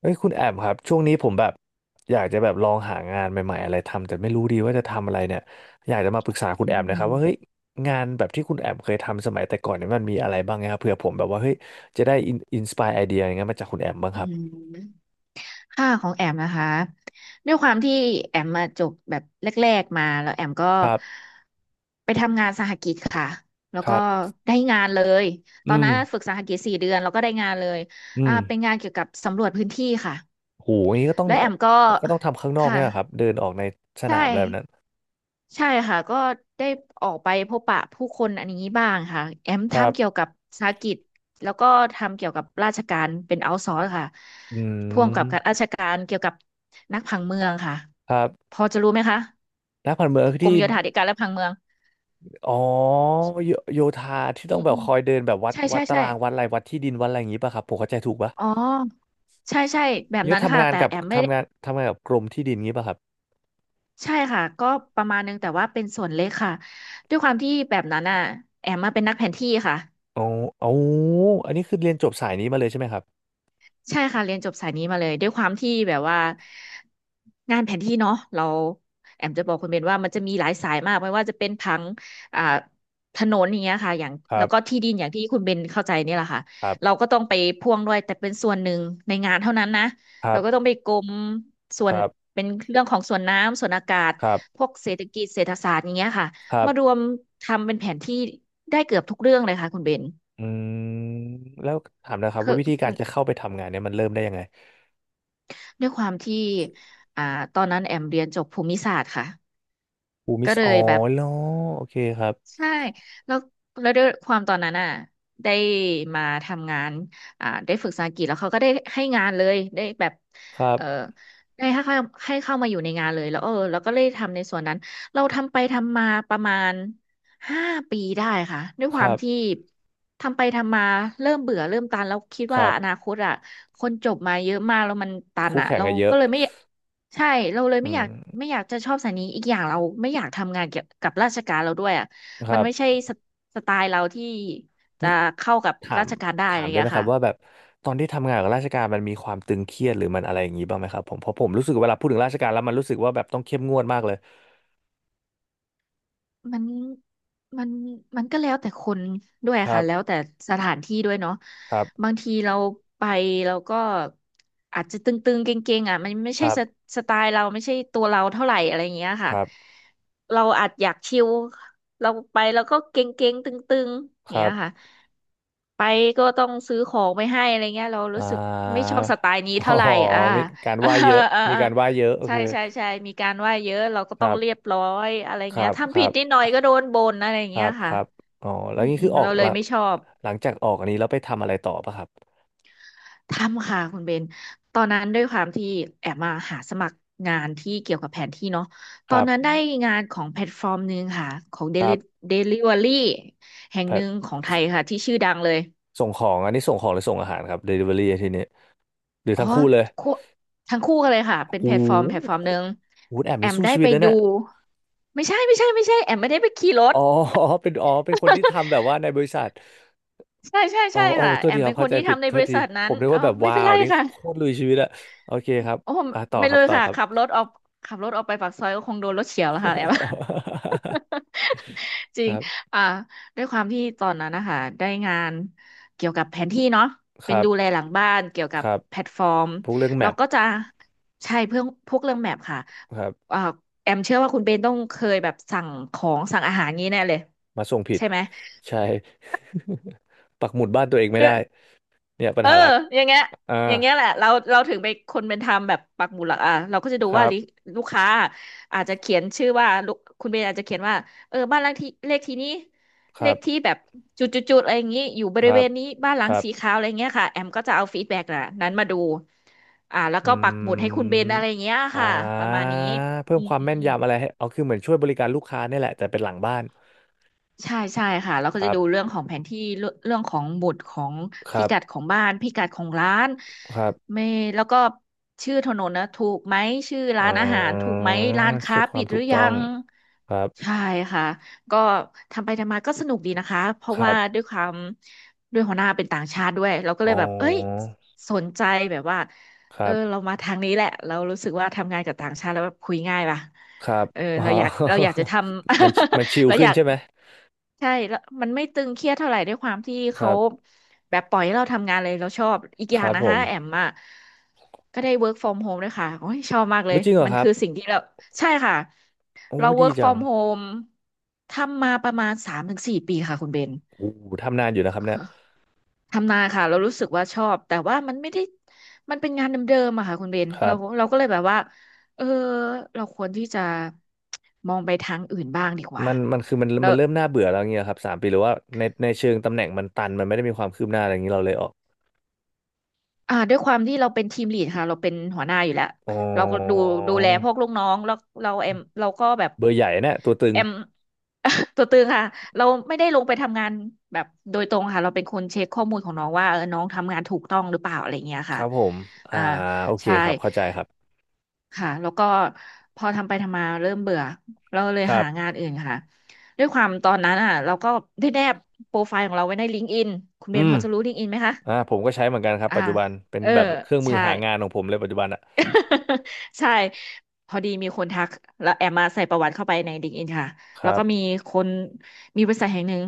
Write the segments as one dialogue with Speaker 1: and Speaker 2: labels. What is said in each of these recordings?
Speaker 1: เอ้ยคุณแอมครับช่วงนี้ผมแบบอยากจะแบบลองหางานใหม่ๆอะไรทำแต่ไม่รู้ดีว่าจะทำอะไรเนี่ยอยากจะมาปรึกษาคุณ
Speaker 2: อื
Speaker 1: แอมนะครับว่าเฮ้ย
Speaker 2: ม
Speaker 1: งานแบบที่คุณแอมเคยทำสมัยแต่ก่อนเนี่ยมันมีอะไรบ้างนะครับเผื่อผมแบบว่าเฮ้ยจะได้อินสปายไอเดียอย่างเงี้ยมาจากคุณแอมบ้าง
Speaker 2: อื
Speaker 1: ครับ
Speaker 2: มค่าของแอมนะคะด้วยความที่แอมมาจบแบบแรกๆมาแล้วแอมก็
Speaker 1: ครับ
Speaker 2: ไปทำงานสหกิจค่ะแล้ว
Speaker 1: ค
Speaker 2: ก็
Speaker 1: รับ
Speaker 2: ได้งานเลยต
Speaker 1: อื
Speaker 2: อน
Speaker 1: ม
Speaker 2: นั้นฝึกสหกิจ4 เดือนแล้วก็ได้งานเลย
Speaker 1: อืม
Speaker 2: เป็นงานเกี่ยวกับสำรวจพื้นที่ค่ะ
Speaker 1: โหอย่างนี้ก็ต้อง
Speaker 2: แล้วแอมก็
Speaker 1: ทำข้างนอก
Speaker 2: ค่ะ
Speaker 1: เนี่ยเหรอครับเดินออกในส
Speaker 2: ใช่
Speaker 1: นามอะไรแบบนั้น
Speaker 2: ใช่ค่ะก็ได้ออกไปพบปะผู้คนอันนี้บ้างค่ะแอม
Speaker 1: ครั
Speaker 2: ทำเกี่ยว
Speaker 1: บ
Speaker 2: กับธุรกิจแล้วก็ทำเกี่ยวกับราชการเป็นเอาท์ซอร์ค่ะ
Speaker 1: อื
Speaker 2: พ่วงกับการ
Speaker 1: ม
Speaker 2: ราชการเกี่ยวกับนักผังเมืองค่ะ
Speaker 1: ครับ
Speaker 2: พอจะรู้ไหมคะ
Speaker 1: นักผันเมือง
Speaker 2: กร
Speaker 1: ที่
Speaker 2: มโยธาธิการและผังเมือง
Speaker 1: อ๋อโยโยธาที่
Speaker 2: อื
Speaker 1: ต้อง
Speaker 2: ม
Speaker 1: แบบ
Speaker 2: อืม
Speaker 1: คอยเดินแบบวัด
Speaker 2: ใช่
Speaker 1: วั
Speaker 2: ใช่
Speaker 1: ดตา
Speaker 2: ใช่
Speaker 1: รางวัดอะไรวัดที่ดินวัดอะไรอย่างงี้ป่ะครับผมเข้าใจถูกป่ะ
Speaker 2: อ๋อใช่ใช่แบบ
Speaker 1: นี่ก็
Speaker 2: นั้น
Speaker 1: ทำ
Speaker 2: ค่ะ
Speaker 1: งาน
Speaker 2: แต่
Speaker 1: กับ
Speaker 2: แอมไม่ได้
Speaker 1: ทำงานกับกรมที่ดินงี้ป่ะครับ
Speaker 2: ใช่ค่ะก็ประมาณนึงแต่ว่าเป็นส่วนเล็กค่ะด้วยความที่แบบนั้นอ่ะแอมมาเป็นนักแผนที่ค่ะ
Speaker 1: อ๋ออ๋ออันนี้คือเรียนจบสายนี้มาเลยใช่ไหมครับ
Speaker 2: ใช่ค่ะเรียนจบสายนี้มาเลยด้วยความที่แบบว่างานแผนที่เนาะเราแอมจะบอกคุณเบนว่ามันจะมีหลายสายมากไม่ว่าจะเป็นผังอ่าถนนอย่างเงี้ยค่ะอย่าง
Speaker 1: ครั
Speaker 2: แล้วก็
Speaker 1: บ
Speaker 2: ที่ดินอย่างที่คุณเบนเข้าใจนี่แหละค่ะ
Speaker 1: ครั
Speaker 2: เรา
Speaker 1: บ
Speaker 2: ก็ต้องไปพ่วงด้วยแต่เป็นส่วนหนึ่งในงานเท่านั้นนะ
Speaker 1: ครั
Speaker 2: เราก็ต้อง
Speaker 1: บ
Speaker 2: ไปกรมส่ว
Speaker 1: ค
Speaker 2: น
Speaker 1: รับ
Speaker 2: เป็นเรื่องของส่วนน้ำส่วนอากาศ
Speaker 1: ครั
Speaker 2: พ
Speaker 1: บ
Speaker 2: วกเศรษฐกิจเศรษฐศาสตร์อย่างเงี้ยค่ะ
Speaker 1: ครั
Speaker 2: มารว
Speaker 1: บ
Speaker 2: มทำเป็นแผนที่ได้เกือบทุกเรื่องเลยค่ะคุณเบน
Speaker 1: อืมแล้วถามนะครับ
Speaker 2: คื
Speaker 1: ว่า
Speaker 2: อ
Speaker 1: วิธีการจะเข้าไปทำงานเนี่ยมันเริ่มได้ยังไง
Speaker 2: ด้วยความที่อ่าตอนนั้นแอมเรียนจบภูมิศาสตร์ค่ะ
Speaker 1: อูมิ
Speaker 2: ก็
Speaker 1: ส
Speaker 2: เล
Speaker 1: อ๋อ
Speaker 2: ยแบบ
Speaker 1: เหรอโอเคครับ
Speaker 2: ใช่แล้วด้วยความตอนนั้นอ่ะได้มาทำงานได้ฝึกภาษาอังกฤษแล้วเขาก็ได้ให้งานเลยได้แบบ
Speaker 1: ครับ
Speaker 2: เออได้ให้เข้ามาอยู่ในงานเลยแล้วเออแล้วก็เลยทำในส่วนนั้นเราทำไปทำมาประมาณ5 ปีได้ค่ะด้วย
Speaker 1: ค
Speaker 2: ความ
Speaker 1: รับ
Speaker 2: ที่ทำไปทำมาเริ่มเบื่อเริ่มตันแล้วคิด
Speaker 1: ค
Speaker 2: ว่า
Speaker 1: รั
Speaker 2: อนา
Speaker 1: บ
Speaker 2: คตอ่ะคนจบมาเยอะมากแล้วมันตัน
Speaker 1: คู่
Speaker 2: อ่ะ
Speaker 1: แข่ง
Speaker 2: เรา
Speaker 1: กันเยอะ
Speaker 2: ก็เลยไม่ใช่เราเลย
Speaker 1: อื
Speaker 2: ไม่อ
Speaker 1: ม
Speaker 2: ยากจะชอบสายนี้อีกอย่างเราไม่อยากทำงานเกี่ยวกับราชการเราด้วยอ่ะ
Speaker 1: ค
Speaker 2: มั
Speaker 1: รั
Speaker 2: น
Speaker 1: บ
Speaker 2: ไม่ใช่สไตล์เราที่จะ
Speaker 1: นี่
Speaker 2: เข้ากับ
Speaker 1: ถา
Speaker 2: รา
Speaker 1: ม
Speaker 2: ชการได้อะ
Speaker 1: ถา
Speaker 2: ไร
Speaker 1: ม
Speaker 2: อย่าง
Speaker 1: ได้ไห
Speaker 2: เงี้
Speaker 1: ม
Speaker 2: ย
Speaker 1: ครับ
Speaker 2: ค่ะ
Speaker 1: ว่าแบบตอนที่ทำงานกับราชการมันมีความตึงเครียดหรือมันอะไรอย่างนี้บ้างไหมครับผมเพราะผมรู้สึกเวลาพูดถึงราชการแล้วมันรู้สึกว่าแบบต้องเข้มงวดมากเลย
Speaker 2: มันมันมันก็แล้วแต่คนด้วย
Speaker 1: ครั
Speaker 2: ค่ะแล้ว
Speaker 1: บ
Speaker 2: แต่สถานที่ด้วยเนาะ
Speaker 1: ครับ
Speaker 2: บางทีเราไปเราก็อาจจะตึงๆเก่งๆอ่ะมันไม่
Speaker 1: ค
Speaker 2: ใช่
Speaker 1: รับ
Speaker 2: สไตล์เราไม่ใช่ตัวเราเท่าไหร่อะไรอย่างเงี้ย
Speaker 1: ค
Speaker 2: ค่ะ
Speaker 1: รับ
Speaker 2: เราอาจอยากชิลเราไปเราก็เก่งๆตึงๆอย่า
Speaker 1: ค
Speaker 2: ง
Speaker 1: รั
Speaker 2: เงี้ยค่ะ
Speaker 1: บ
Speaker 2: ไปก็ต้องซื้อของไปให้อะไรเงี้ยเรารู้
Speaker 1: อ่า
Speaker 2: สึกไม่ชอบสไตล์นี้
Speaker 1: อ๋อ
Speaker 2: เท่าไหร่อ่า
Speaker 1: มีการ ไห
Speaker 2: อ่า
Speaker 1: ว้เยอะ
Speaker 2: อ่า
Speaker 1: มีการไหว้เยอะโอ
Speaker 2: ใช่
Speaker 1: เค
Speaker 2: ใช่ใช่มีการว่าเยอะเราก็
Speaker 1: ค
Speaker 2: ต้อ
Speaker 1: รั
Speaker 2: งเรียบ
Speaker 1: บ
Speaker 2: ร้อยอะไร
Speaker 1: ครั
Speaker 2: เงี้ย
Speaker 1: บค
Speaker 2: ทำ
Speaker 1: รั
Speaker 2: ผิด
Speaker 1: บ
Speaker 2: นิดหน่อยก็โดนบ่นอะไร
Speaker 1: ครั
Speaker 2: เงี้ย
Speaker 1: บค
Speaker 2: ค่ะ
Speaker 1: รับอ๋อแล้วนี่คือออ
Speaker 2: เรา
Speaker 1: ก
Speaker 2: เล
Speaker 1: ห
Speaker 2: ย
Speaker 1: ลัง
Speaker 2: ไม่ชอบ
Speaker 1: หลังจากออกอันนี้แล้วไปทำอะไรต่อปะครับ
Speaker 2: ทำค่ะคุณเบนตอนนั้นด้วยความที่แอบมาหาสมัครงานที่เกี่ยวกับแผนที่เนาะต
Speaker 1: ค
Speaker 2: อ
Speaker 1: รั
Speaker 2: น
Speaker 1: บ
Speaker 2: นั้นได้งานของแพลตฟอร์มหนึ่งค่ะของ
Speaker 1: ครับ
Speaker 2: เดลิเวอรี่แห่ง
Speaker 1: แพล
Speaker 2: ห
Speaker 1: ต
Speaker 2: นึ่งของไทยค่ะที่ชื่อดังเลย
Speaker 1: ส่งของอันนี้ส่งของหรือส่งอาหารครับ Delivery ทีนี้หรือ
Speaker 2: อ๋อ
Speaker 1: ทั้งคู่เลย
Speaker 2: คู่ทั้งคู่กันเลยค่ะเป็นแพ
Speaker 1: โหู
Speaker 2: ลตฟอร์มหนึ่ง
Speaker 1: หูแอม
Speaker 2: แอ
Speaker 1: นี่
Speaker 2: ม
Speaker 1: สู้
Speaker 2: ได้
Speaker 1: ชีวิ
Speaker 2: ไป
Speaker 1: ตนะ
Speaker 2: ดู
Speaker 1: เนี่ย
Speaker 2: ไม่ใช่แอมไม่ได้ไปขี่รถ
Speaker 1: อ๋อ เป็นอ๋อเป็นคนที่ทำแบบว่าในบริษัท
Speaker 2: ใช่ใช่
Speaker 1: อ๋อ
Speaker 2: ใช่
Speaker 1: อ๋อ
Speaker 2: ค่ะ
Speaker 1: โทษ
Speaker 2: แอ
Speaker 1: ที
Speaker 2: ม
Speaker 1: ครั
Speaker 2: เป็
Speaker 1: บ
Speaker 2: นค
Speaker 1: เข้า
Speaker 2: น
Speaker 1: ใจ
Speaker 2: ที่
Speaker 1: ผิด
Speaker 2: ทำใน
Speaker 1: โท
Speaker 2: บ
Speaker 1: ษ
Speaker 2: ริ
Speaker 1: ที
Speaker 2: ษัท
Speaker 1: ผ
Speaker 2: นั้น
Speaker 1: มนึก
Speaker 2: เออ
Speaker 1: ว่าแบบ
Speaker 2: ไม่
Speaker 1: ว้า
Speaker 2: เป็น
Speaker 1: ว
Speaker 2: ไร
Speaker 1: นี่
Speaker 2: ค่ะ
Speaker 1: โคตรลุยชีวิตอะโอเคครับ
Speaker 2: โอ้
Speaker 1: อ่ะต่อ
Speaker 2: ไม่
Speaker 1: ครั
Speaker 2: เล
Speaker 1: บ
Speaker 2: ย
Speaker 1: ต่อ
Speaker 2: ค่ะ
Speaker 1: ครับ
Speaker 2: ขับรถออกไปปากซอยก็คงโดนรถเฉียวแล้วค่ะแอม จริ
Speaker 1: ค
Speaker 2: ง
Speaker 1: รับ
Speaker 2: อ่าด้วยความที่ตอนนั้นนะคะได้งานเกี่ยวกับแผนที่เนาะ
Speaker 1: ค
Speaker 2: เป็น
Speaker 1: รับ
Speaker 2: ดูแลหลังบ้านเกี่ยว
Speaker 1: ค
Speaker 2: กับ
Speaker 1: รับ
Speaker 2: แพลตฟอร์ม
Speaker 1: พวกเรื่องแม
Speaker 2: เรา
Speaker 1: ป
Speaker 2: ก็จะใช่เพื่อพวกเรื่องแมพค่ะ
Speaker 1: ครับ
Speaker 2: อ่าแอมเชื่อว่าคุณเบนต้องเคยแบบสั่งของสั่งอาหารงี้แน่เลย
Speaker 1: มาส่งผิด
Speaker 2: ใช่ไหม
Speaker 1: ใช่ ปักหมุดบ้านตัวเองไม่ได้เนี่ยปัญ
Speaker 2: เออ
Speaker 1: หาหลัก
Speaker 2: อย่างเงี้ย
Speaker 1: อ่า
Speaker 2: แหละเราเราถึงไปคนเป็นทำแบบปักหมุดหลักอ่ะเราก็จะดู
Speaker 1: ค
Speaker 2: ว่า
Speaker 1: รับ
Speaker 2: ลูกค้าอาจจะเขียนชื่อว่าลูกคุณเบนอาจจะเขียนว่าเออบ้านหลังที่เลขที่นี้
Speaker 1: ค
Speaker 2: เล
Speaker 1: รั
Speaker 2: ขที่
Speaker 1: บ
Speaker 2: แบบจุดๆๆอะไรอย่างงี้อยู่บ
Speaker 1: ค
Speaker 2: ริ
Speaker 1: รั
Speaker 2: เว
Speaker 1: บ
Speaker 2: ณนี้บ้านหลั
Speaker 1: ค
Speaker 2: ง
Speaker 1: รับ
Speaker 2: สีขาวอะไรเงี้ยค่ะแอมก็จะเอาฟีดแบ็กน่ะนั้นมาดูแล้วก็
Speaker 1: อื
Speaker 2: ปักหมุดให้คุณเบน
Speaker 1: ม
Speaker 2: อะไรอย่างเงี้ย
Speaker 1: อ่
Speaker 2: ค่ะประมา
Speaker 1: า
Speaker 2: ณนี้
Speaker 1: เพิ่ม
Speaker 2: อืม
Speaker 1: ความ
Speaker 2: อืม
Speaker 1: แม่น
Speaker 2: อืม
Speaker 1: ยำอะไรให้เอาคือเหมือนช่วยบริการลูกค้าเนี่ยแหละแต่เป็นหลังบ้าน
Speaker 2: ใช่ใช่ค่ะเราก็
Speaker 1: ค
Speaker 2: จะ
Speaker 1: รั
Speaker 2: ดูเรื่อ
Speaker 1: บ
Speaker 2: งของแผนที่เรื่องของหมุดของ
Speaker 1: ค
Speaker 2: พิ
Speaker 1: รับ
Speaker 2: กัดของบ้านพิกัดของร้าน
Speaker 1: ครับ
Speaker 2: ไม่แล้วก็ชื่อถนนนะถูกไหมชื่อ
Speaker 1: อ่
Speaker 2: ร้านอาหารถูก
Speaker 1: า
Speaker 2: ไหมร้านค้า
Speaker 1: เช็คควา
Speaker 2: ปิ
Speaker 1: ม
Speaker 2: ดห
Speaker 1: ถู
Speaker 2: รื
Speaker 1: ก
Speaker 2: อยั
Speaker 1: ต้อง
Speaker 2: ง
Speaker 1: ครับ
Speaker 2: ใช่ค่ะก็ทำไปทำมาก็สนุกดีนะคะเพ
Speaker 1: ค
Speaker 2: ราะ
Speaker 1: รั
Speaker 2: ว่า
Speaker 1: บ
Speaker 2: ด้วยความด้วยหัวหน้าเป็นต่างชาติด้วยเราก็
Speaker 1: อ๋
Speaker 2: เล
Speaker 1: อ
Speaker 2: ยแบบเอ้ยสนใจแบบว่า
Speaker 1: ค
Speaker 2: เอ
Speaker 1: รั
Speaker 2: อเรา
Speaker 1: บ
Speaker 2: มาทางนี้แหละเรารู้สึกว่าทำงานกับต่างชาติแล้วแบบคุยง่ายป่ะ
Speaker 1: ครับ
Speaker 2: เออ
Speaker 1: อ๋อ
Speaker 2: เราอยากเราอยากจะทำ
Speaker 1: มันชิ ล
Speaker 2: เราอ
Speaker 1: ขึ้น
Speaker 2: ยาก
Speaker 1: ใช่ไหม
Speaker 2: ใช่แล้วมันไม่ตึงเครียดเท่าไหร่ด้วยความที่
Speaker 1: ค
Speaker 2: เขา
Speaker 1: รับ
Speaker 2: แบบปล่อยให้เราทำงานเลยเราชอบอีกอ
Speaker 1: ค
Speaker 2: ย่าง
Speaker 1: รับ
Speaker 2: นะ
Speaker 1: ผ
Speaker 2: คะ
Speaker 1: ม
Speaker 2: แอมอ่ะก็ได้ work from home ด้วยค่ะโอ้ยชอบมากเล
Speaker 1: โอ้
Speaker 2: ย
Speaker 1: จริงเหรอ
Speaker 2: มัน
Speaker 1: ครับ
Speaker 2: คือสิ่งที่เราใช่ค่ะ
Speaker 1: โอ้
Speaker 2: เรา
Speaker 1: ดี
Speaker 2: work
Speaker 1: จัง
Speaker 2: from home ทำมาประมาณสามถึงสี่ปีค่ะคุณเบน
Speaker 1: โอ้ทำนานอยู่นะครับเนี่ย
Speaker 2: ทำนานค่ะเรารู้สึกว่าชอบแต่ว่ามันไม่ได้มันเป็นงานเดิมๆอะค่ะคุณเบน
Speaker 1: ครั
Speaker 2: เรา
Speaker 1: บ
Speaker 2: เราก็เลยแบบว่าเออเราควรที่จะมองไปทางอื่นบ้างดีกว่า
Speaker 1: มันมันคือมัน
Speaker 2: แล้
Speaker 1: มั
Speaker 2: ว
Speaker 1: นเริ่มน่าเบื่อแล้วเงี้ยครับสามปีหรือว่าในเชิงตำแหน่งมันตันมันไม่ได้มีความคืบหน้าอะไรอย่างนี้เราเลยออก
Speaker 2: อ่าด้วยความที่เราเป็นทีมลีดค่ะเราเป็นหัวหน้าอยู่แล้ว
Speaker 1: อ๋อ
Speaker 2: เราก็ดูดูแลพวกลูกน้องแล้วเราเอ็มเราก็แบบ
Speaker 1: เบอร์ใหญ่เนี่ยตัวตึง
Speaker 2: เอ็ม ตัวตึงค่ะเราไม่ได้ลงไปทำงานแบบโดยตรงค่ะเราเป็นคนเช็คข้อมูลของน้องว่าเออน้องทำงานถูกต้องหรือเปล่าอะไรเงี้ย
Speaker 1: ค
Speaker 2: ค่ะ
Speaker 1: รับผมอ่า
Speaker 2: อ่า
Speaker 1: โอเค
Speaker 2: ใช่
Speaker 1: ครับเข้าใจครับ
Speaker 2: ค่ะแล้วก็พอทำไปทำมาเริ่มเบื่อเราเลย
Speaker 1: ครั
Speaker 2: หางาน
Speaker 1: บ
Speaker 2: อื่นค่ะด้วยความตอนนั้นอ่ะเราก็ได้แนบโปรไฟล์ของเราไว้ในลิงก์อินคุณเบ
Speaker 1: อื
Speaker 2: น
Speaker 1: ม
Speaker 2: พอจะรู้ลิงก์อินไหมคะ
Speaker 1: อ่าผมก็ใช้เหมือนกันครับ
Speaker 2: อ่า
Speaker 1: ปัจจุบันเป็น
Speaker 2: เออ
Speaker 1: แบบเครื่องมือ
Speaker 2: ใช่
Speaker 1: หางานของผมเลยปัจจุบันอะ
Speaker 2: ใช่พอดีมีคนทักแล้วแอมมาใส่ประวัติเข้าไปใน LinkedIn ค่ะ
Speaker 1: ค
Speaker 2: แล้ว
Speaker 1: รั
Speaker 2: ก็มี
Speaker 1: บ
Speaker 2: คนมีบริษัทแห่งหนึ่ง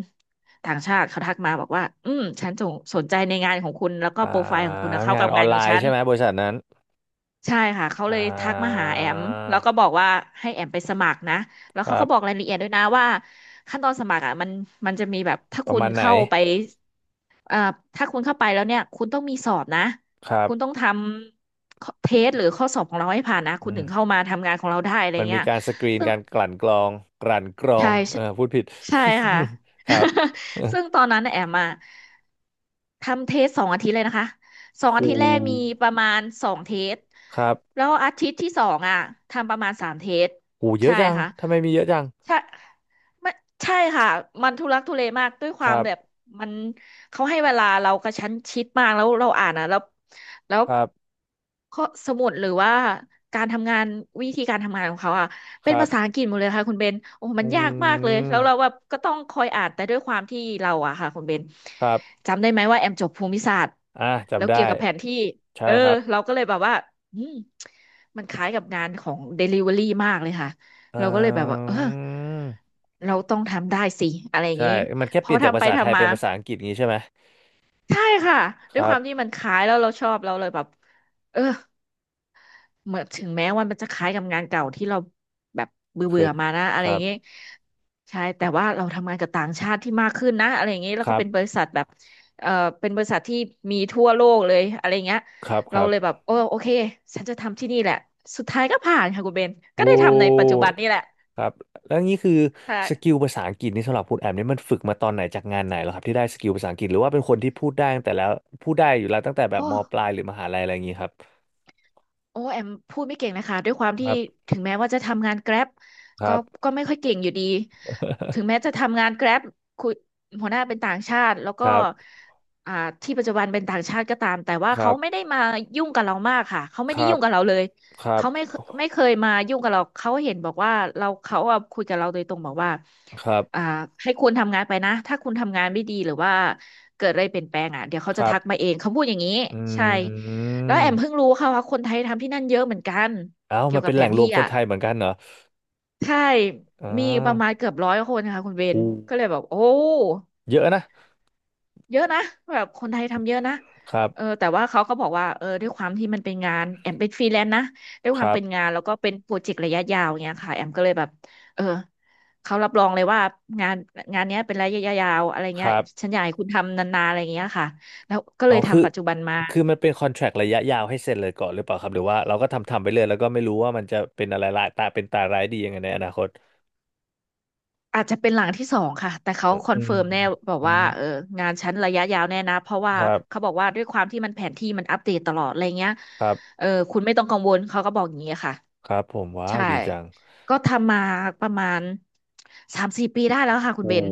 Speaker 2: ต่างชาติเขาทักมาบอกว่าอืมฉันสนใจในงานของคุณแล้วก็
Speaker 1: อ่า
Speaker 2: โปรไฟล์ของคุณนะเข้า
Speaker 1: งาน
Speaker 2: กับ
Speaker 1: ออ
Speaker 2: งา
Speaker 1: น
Speaker 2: น
Speaker 1: ไล
Speaker 2: ของ
Speaker 1: น์
Speaker 2: ฉัน
Speaker 1: ใช่ไหมบริษัทนั้น
Speaker 2: ใช่ค่ะเขา
Speaker 1: อ่
Speaker 2: เลยทักมา
Speaker 1: า
Speaker 2: หาแอมแล้วก็บอกว่าให้แอมไปสมัครนะแล้ว
Speaker 1: ค
Speaker 2: เขา
Speaker 1: รั
Speaker 2: ก็บอก
Speaker 1: บ
Speaker 2: รายละเอียดด้วยนะว่าขั้นตอนสมัครอ่ะมันมันจะมีแบบถ้า
Speaker 1: ประ
Speaker 2: คุณ
Speaker 1: มาณไหน
Speaker 2: เข้าไป อ่าถ้าคุณเข้าไปแล้วเนี่ยคุณต้องมีสอบนะ
Speaker 1: ครับ
Speaker 2: คุณต้องทำเทสหรือข้อสอบของเราให้ผ่านนะคุ
Speaker 1: อื
Speaker 2: ณถึงเข้า
Speaker 1: ม
Speaker 2: มาทำงานของเราได้อะไร
Speaker 1: มันมี
Speaker 2: เงี้ย
Speaker 1: การสกรีน
Speaker 2: ซึ่ง
Speaker 1: การกลั่นกรองกลั่นกรอ
Speaker 2: ใช่
Speaker 1: งเอ
Speaker 2: ใช่
Speaker 1: อพูดผิด
Speaker 2: ใช่ค่ะ
Speaker 1: ครับ
Speaker 2: ซึ่งตอนนั้นน่ะแอมมาทำเทสสองอาทิตย์เลยนะคะสองอา
Speaker 1: หู
Speaker 2: ทิตย์แรกมีประมาณสองเทส
Speaker 1: ครับ
Speaker 2: แล้วอาทิตย์ที่สองอ่ะทำประมาณสามเทส
Speaker 1: หูเยอะ
Speaker 2: ใช่
Speaker 1: จัง
Speaker 2: ค่ะ
Speaker 1: ทำไมมีเยอะจัง
Speaker 2: ใช่ไม่ใช่ค่ะมันทุลักทุเลมากด้วยค
Speaker 1: ค
Speaker 2: วาม
Speaker 1: รั
Speaker 2: แบบ
Speaker 1: บ
Speaker 2: มันเขาให้เวลาเรากระชั้นชิดมากแล้วเราอ่านอ่ะแล้วแล้ว
Speaker 1: ครับ
Speaker 2: ข้อสมุดหรือว่าการทำงานวิธีการทำงานของเขาอ่ะ
Speaker 1: ค
Speaker 2: เป็น
Speaker 1: รับ
Speaker 2: ภาษาอังกฤษหมดเลยค่ะคุณเบนโอ้
Speaker 1: อื
Speaker 2: มันยากมากเลยแล้วเรา
Speaker 1: ม
Speaker 2: แบบก็ต้องคอยอ่านแต่ด้วยความที่เราอ่ะค่ะคุณเบน
Speaker 1: ครับ
Speaker 2: จำได้ไหมว่าแอมจบภูมิศาสตร์
Speaker 1: อ่ะ
Speaker 2: แล้ว
Speaker 1: จำ
Speaker 2: เกี่ย
Speaker 1: ได้
Speaker 2: วกับแผนที่
Speaker 1: ใช่
Speaker 2: เออ
Speaker 1: ครับ
Speaker 2: เราก็เลยแบบว่าอืมมันคล้ายกับงานของ Delivery มากเลยค่ะ
Speaker 1: อ
Speaker 2: เราก็เลยแบบว่า
Speaker 1: ื
Speaker 2: เออ
Speaker 1: ม
Speaker 2: เราต้องทำได้สิอะไรอย่าง
Speaker 1: ใช่
Speaker 2: นี้
Speaker 1: มันแค่
Speaker 2: พ
Speaker 1: เป
Speaker 2: อ
Speaker 1: ลี่ยนจาก
Speaker 2: ทำ
Speaker 1: ภา
Speaker 2: ไป
Speaker 1: ษาไทย
Speaker 2: ทำมา
Speaker 1: เป็นภาษาอังกฤษงี้ใช่ไหม
Speaker 2: ใช่ค่ะ
Speaker 1: ค
Speaker 2: ด้วย
Speaker 1: รั
Speaker 2: ความที่
Speaker 1: บ
Speaker 2: มันคล้ายแล้วเราชอบเราเลยแบบเออเหมือนถึงแม้ว่ามันจะคล้ายกับงานเก่าที่เราแบบเบื่อ
Speaker 1: เค
Speaker 2: เบื่อ
Speaker 1: ย
Speaker 2: มานะอะ
Speaker 1: ค
Speaker 2: ไรอ
Speaker 1: รั
Speaker 2: ย่าง
Speaker 1: บ
Speaker 2: นี้ใช่แต่ว่าเราทำงานกับต่างชาติที่มากขึ้นนะอะไรอย่างนี้แล้
Speaker 1: ค
Speaker 2: วก็
Speaker 1: รั
Speaker 2: เป็นบ
Speaker 1: บ
Speaker 2: ริษัทแบบเออเป็นบริษัทที่มีทั่วโลกเลยอะไรอย่างเงี้ย
Speaker 1: ครับค
Speaker 2: เรา
Speaker 1: รับ
Speaker 2: เลยแบบโอเคฉันจะทำที่นี่แหละสุดท้ายก็ผ่านค่ะคุณเบนก็
Speaker 1: โว
Speaker 2: ได้ทำในปัจจุบันนี่แหละ
Speaker 1: ครับแล้วนี่คือ
Speaker 2: ใช่
Speaker 1: สกิลภาษาอังกฤษนี่สำหรับคุณแอมนี่มันฝึกมาตอนไหนจากงานไหนเหรอครับที่ได้สกิลภาษาอังกฤษหรือว่าเป็นคนที่พูดได้ตั้งแต่แล้วพูดได้อยู่แล้วตั้งแต่แบบ
Speaker 2: โอ้
Speaker 1: มปลายหรือมหาลัยอะไรอย่างงี้ครับ
Speaker 2: โอ้แอมพูดไม่เก่งนะคะด้วยความ
Speaker 1: ค
Speaker 2: ที่
Speaker 1: รับ
Speaker 2: ถึงแม้ว่าจะทำงาน Grab
Speaker 1: ค
Speaker 2: ก็
Speaker 1: รับ
Speaker 2: ก็ไม่ค่อยเก่งอยู่ดีถึงแม้จะทำงาน Grab คุยหัวหน้าเป็นต่างชาติแล้ว
Speaker 1: ค
Speaker 2: ก็
Speaker 1: รับ
Speaker 2: อ่าที่ปัจจุบันเป็นต่างชาติก็ตามแต่ว่า
Speaker 1: ครั
Speaker 2: เขาไม่
Speaker 1: บ
Speaker 2: ได้มายุ่งกับเรามากค่ะเขา
Speaker 1: ค
Speaker 2: ไม่ได้
Speaker 1: รั
Speaker 2: ยุ่
Speaker 1: บ
Speaker 2: งกับเราเลย
Speaker 1: ครับ
Speaker 2: เขาไม่เคยมายุ่งกับเราเขาเห็นบอกว่าเราเขาอะคุยกับเราโดยตรงบอกว่า
Speaker 1: ครับ
Speaker 2: อ่าให้คุณทำงานไปนะถ้าคุณทำงานไม่ดีหรือว่าเกิดอะไรเปลี่ยนแปลงอ่ะเดี๋ยวเขา
Speaker 1: ค
Speaker 2: จะ
Speaker 1: รั
Speaker 2: ทัก
Speaker 1: บ
Speaker 2: มาเองเขาพูดอย่างนี้
Speaker 1: อ
Speaker 2: ใช่
Speaker 1: ื
Speaker 2: แล้วแอ
Speaker 1: ม
Speaker 2: มเพิ่งรู้ค่ะว่าคนไทยทำที่นั่นเยอะเหมือนกัน
Speaker 1: เอ้า
Speaker 2: เกี่ย
Speaker 1: มัน
Speaker 2: วกั
Speaker 1: เป็
Speaker 2: บ
Speaker 1: นแห
Speaker 2: แผ
Speaker 1: ล่ง
Speaker 2: น
Speaker 1: ร
Speaker 2: ที่
Speaker 1: วมคน
Speaker 2: อ่ะ
Speaker 1: ไทยเหมือนกันเหรอ
Speaker 2: ใช่
Speaker 1: อ่
Speaker 2: มีประมาณ
Speaker 1: า
Speaker 2: เกือบร้อยคนค่ะคุณเบน
Speaker 1: หู
Speaker 2: ก็เลยแบบโอ้
Speaker 1: เยอะนะ
Speaker 2: เยอะนะแบบคนไทยทำเยอะนะ
Speaker 1: ครับ
Speaker 2: เออแต่ว่าเขาก็บอกว่าเออด้วยความที่มันเป็นงานแอมเป็นฟรีแลนซ์นะด้วย
Speaker 1: ค
Speaker 2: ความ
Speaker 1: รับ
Speaker 2: เป็นงานแล้วก็เป็นโปรเจกต์ระยะยาวเงี้ยค่ะแอมก็เลยแบบเออเขารับรองเลยว่างานงานเนี้ยเป็นระยะยาวอะไร
Speaker 1: ค
Speaker 2: เงี้ย
Speaker 1: รับ
Speaker 2: ฉันอยากให้คุณทำนานๆอะไรเงี้ยค่ะแล้วก็เล
Speaker 1: เอา
Speaker 2: ย
Speaker 1: คือ
Speaker 2: ทำปัจจุบันมา
Speaker 1: คือมันเป็นคอนแทรคระยะยาวให้เซ็นเลยก่อนหรือเปล่าครับหรือว่าเราก็ทำทำไปเลยแล้วก็ไม่รู้ว่ามันจะเป็นอะไรร้ายตาเป็นตาร้ายดียังไงในอนาคต
Speaker 2: อาจจะเป็นหลังที่สองค่ะแต่เขา
Speaker 1: อื
Speaker 2: คอน
Speaker 1: ม
Speaker 2: เฟิร์มแน่บอก
Speaker 1: อื
Speaker 2: ว่า
Speaker 1: ม
Speaker 2: เอองานชั้นระยะยาวแน่นะเพราะว่า
Speaker 1: ครับ
Speaker 2: เขาบอกว่าด้วยความที่มันแผนที่มันอัปเดตตลอดอะไรเงี้ย
Speaker 1: ครับ
Speaker 2: เออคุณไม่ต้องกังวลเขาก็บอกอย่างนี้ค่ะ
Speaker 1: ครับผมว้าว
Speaker 2: ใช่
Speaker 1: ดีจัง
Speaker 2: ก็ทำมาประมาณสามสี่ปีได้แล้วค่ะคุณเบ
Speaker 1: โอ้
Speaker 2: น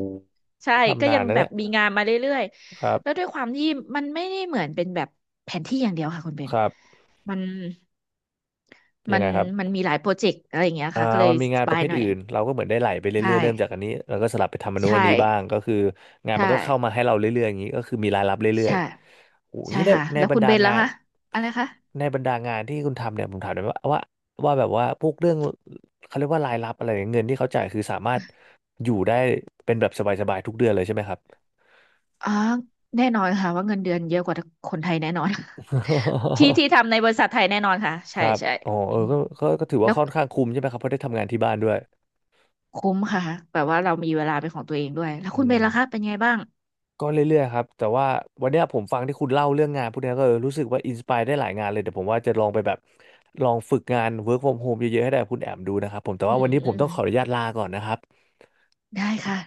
Speaker 2: ใช่ก็
Speaker 1: ทำนา
Speaker 2: ยั
Speaker 1: น
Speaker 2: ง
Speaker 1: นะ
Speaker 2: แบ
Speaker 1: เนี่
Speaker 2: บ
Speaker 1: ย
Speaker 2: มีงานมาเรื่อย
Speaker 1: ครับ
Speaker 2: ๆแล้วด้วยความที่มันไม่ได้เหมือนเป็นแบบแผนที่อย่างเดียวค่ะคุณเบ
Speaker 1: ค
Speaker 2: น
Speaker 1: รับ
Speaker 2: มัน
Speaker 1: ยั
Speaker 2: มั
Speaker 1: ง
Speaker 2: น
Speaker 1: ไงครับ
Speaker 2: มันมีหลายโปรเจกต์อะไรอย่างเงี้ย
Speaker 1: อ่า
Speaker 2: ค่ะก็เลย
Speaker 1: มันมี
Speaker 2: ส
Speaker 1: งานป
Speaker 2: บา
Speaker 1: ระ
Speaker 2: ย
Speaker 1: เภท
Speaker 2: หน่อย
Speaker 1: อื่นเราก็เหมือนได้ไหลไป
Speaker 2: ใช่
Speaker 1: เรื่อยๆเริ่มจากอันนี้แล้วก็สลับไปทำอันนู้น
Speaker 2: ใช่
Speaker 1: อันนี้บ้างก็คืองาน
Speaker 2: ใช่
Speaker 1: มันก็เข้ามาให้เราเรื่อยๆอย่างนี้ก็คือมีรายรับเรื่อย
Speaker 2: ใช่
Speaker 1: ๆโอ้ย
Speaker 2: ใช่
Speaker 1: นี่ใน
Speaker 2: ค่ะ
Speaker 1: ใน
Speaker 2: แล้ว
Speaker 1: บร
Speaker 2: คุ
Speaker 1: ร
Speaker 2: ณ
Speaker 1: ดา
Speaker 2: เบนแล้
Speaker 1: งา
Speaker 2: ว
Speaker 1: น
Speaker 2: คะอะไรคะ
Speaker 1: ในบรรดางานที่คุณทำเนี่ยผมถามหน่อยว่าแบบว่าพวกเรื่องเขาเรียกว่ารายรับอะไรเนี่ยเงินที่เขาจ่ายคือสามารถอยู่ได้เป็นแบบสบายๆทุกเดือนเลยใช่ไหมครับ
Speaker 2: อ๋อแน่นอนค่ะว่าเงินเดือนเยอะกว่าคนไทยแน่นอน ที่ ที่ทำในบริษัทไทยแน่นอนค่ะ
Speaker 1: ค
Speaker 2: ใช่
Speaker 1: รับ
Speaker 2: ใช่
Speaker 1: อ๋อเอ
Speaker 2: อื
Speaker 1: อ
Speaker 2: ม
Speaker 1: ก็ถือว่า
Speaker 2: แล้ว
Speaker 1: ค่อนข้างคุ้มใช่ไหมครับเพราะได้ทำงานที่บ้านด้วย
Speaker 2: คุ้มค่ะแบบว่าเรามีเวลาเป็นของตัวเองด้วย แล้ว
Speaker 1: อื
Speaker 2: คุณเบน
Speaker 1: ม
Speaker 2: ล่ะคะเป็นไงบ้าง
Speaker 1: ก็เรื่อยๆครับแต่ว่าวันเนี้ยผมฟังที่คุณเล่าเรื่องงานพวกเนี้ยก็เออรู้สึกว่าอินสปายได้หลายงานเลยเดี๋ยวผมว่าจะลองไปแบบลองฝึกงาน work from home เยอะๆให้ได้กับคุณแอมดูนะครับผมแต่
Speaker 2: อื
Speaker 1: ว่าวั
Speaker 2: ม
Speaker 1: นนี้
Speaker 2: อื
Speaker 1: ผม
Speaker 2: ม
Speaker 1: ต้องขออนุญาตลาก่อนนะครับ
Speaker 2: ได้ค่ะ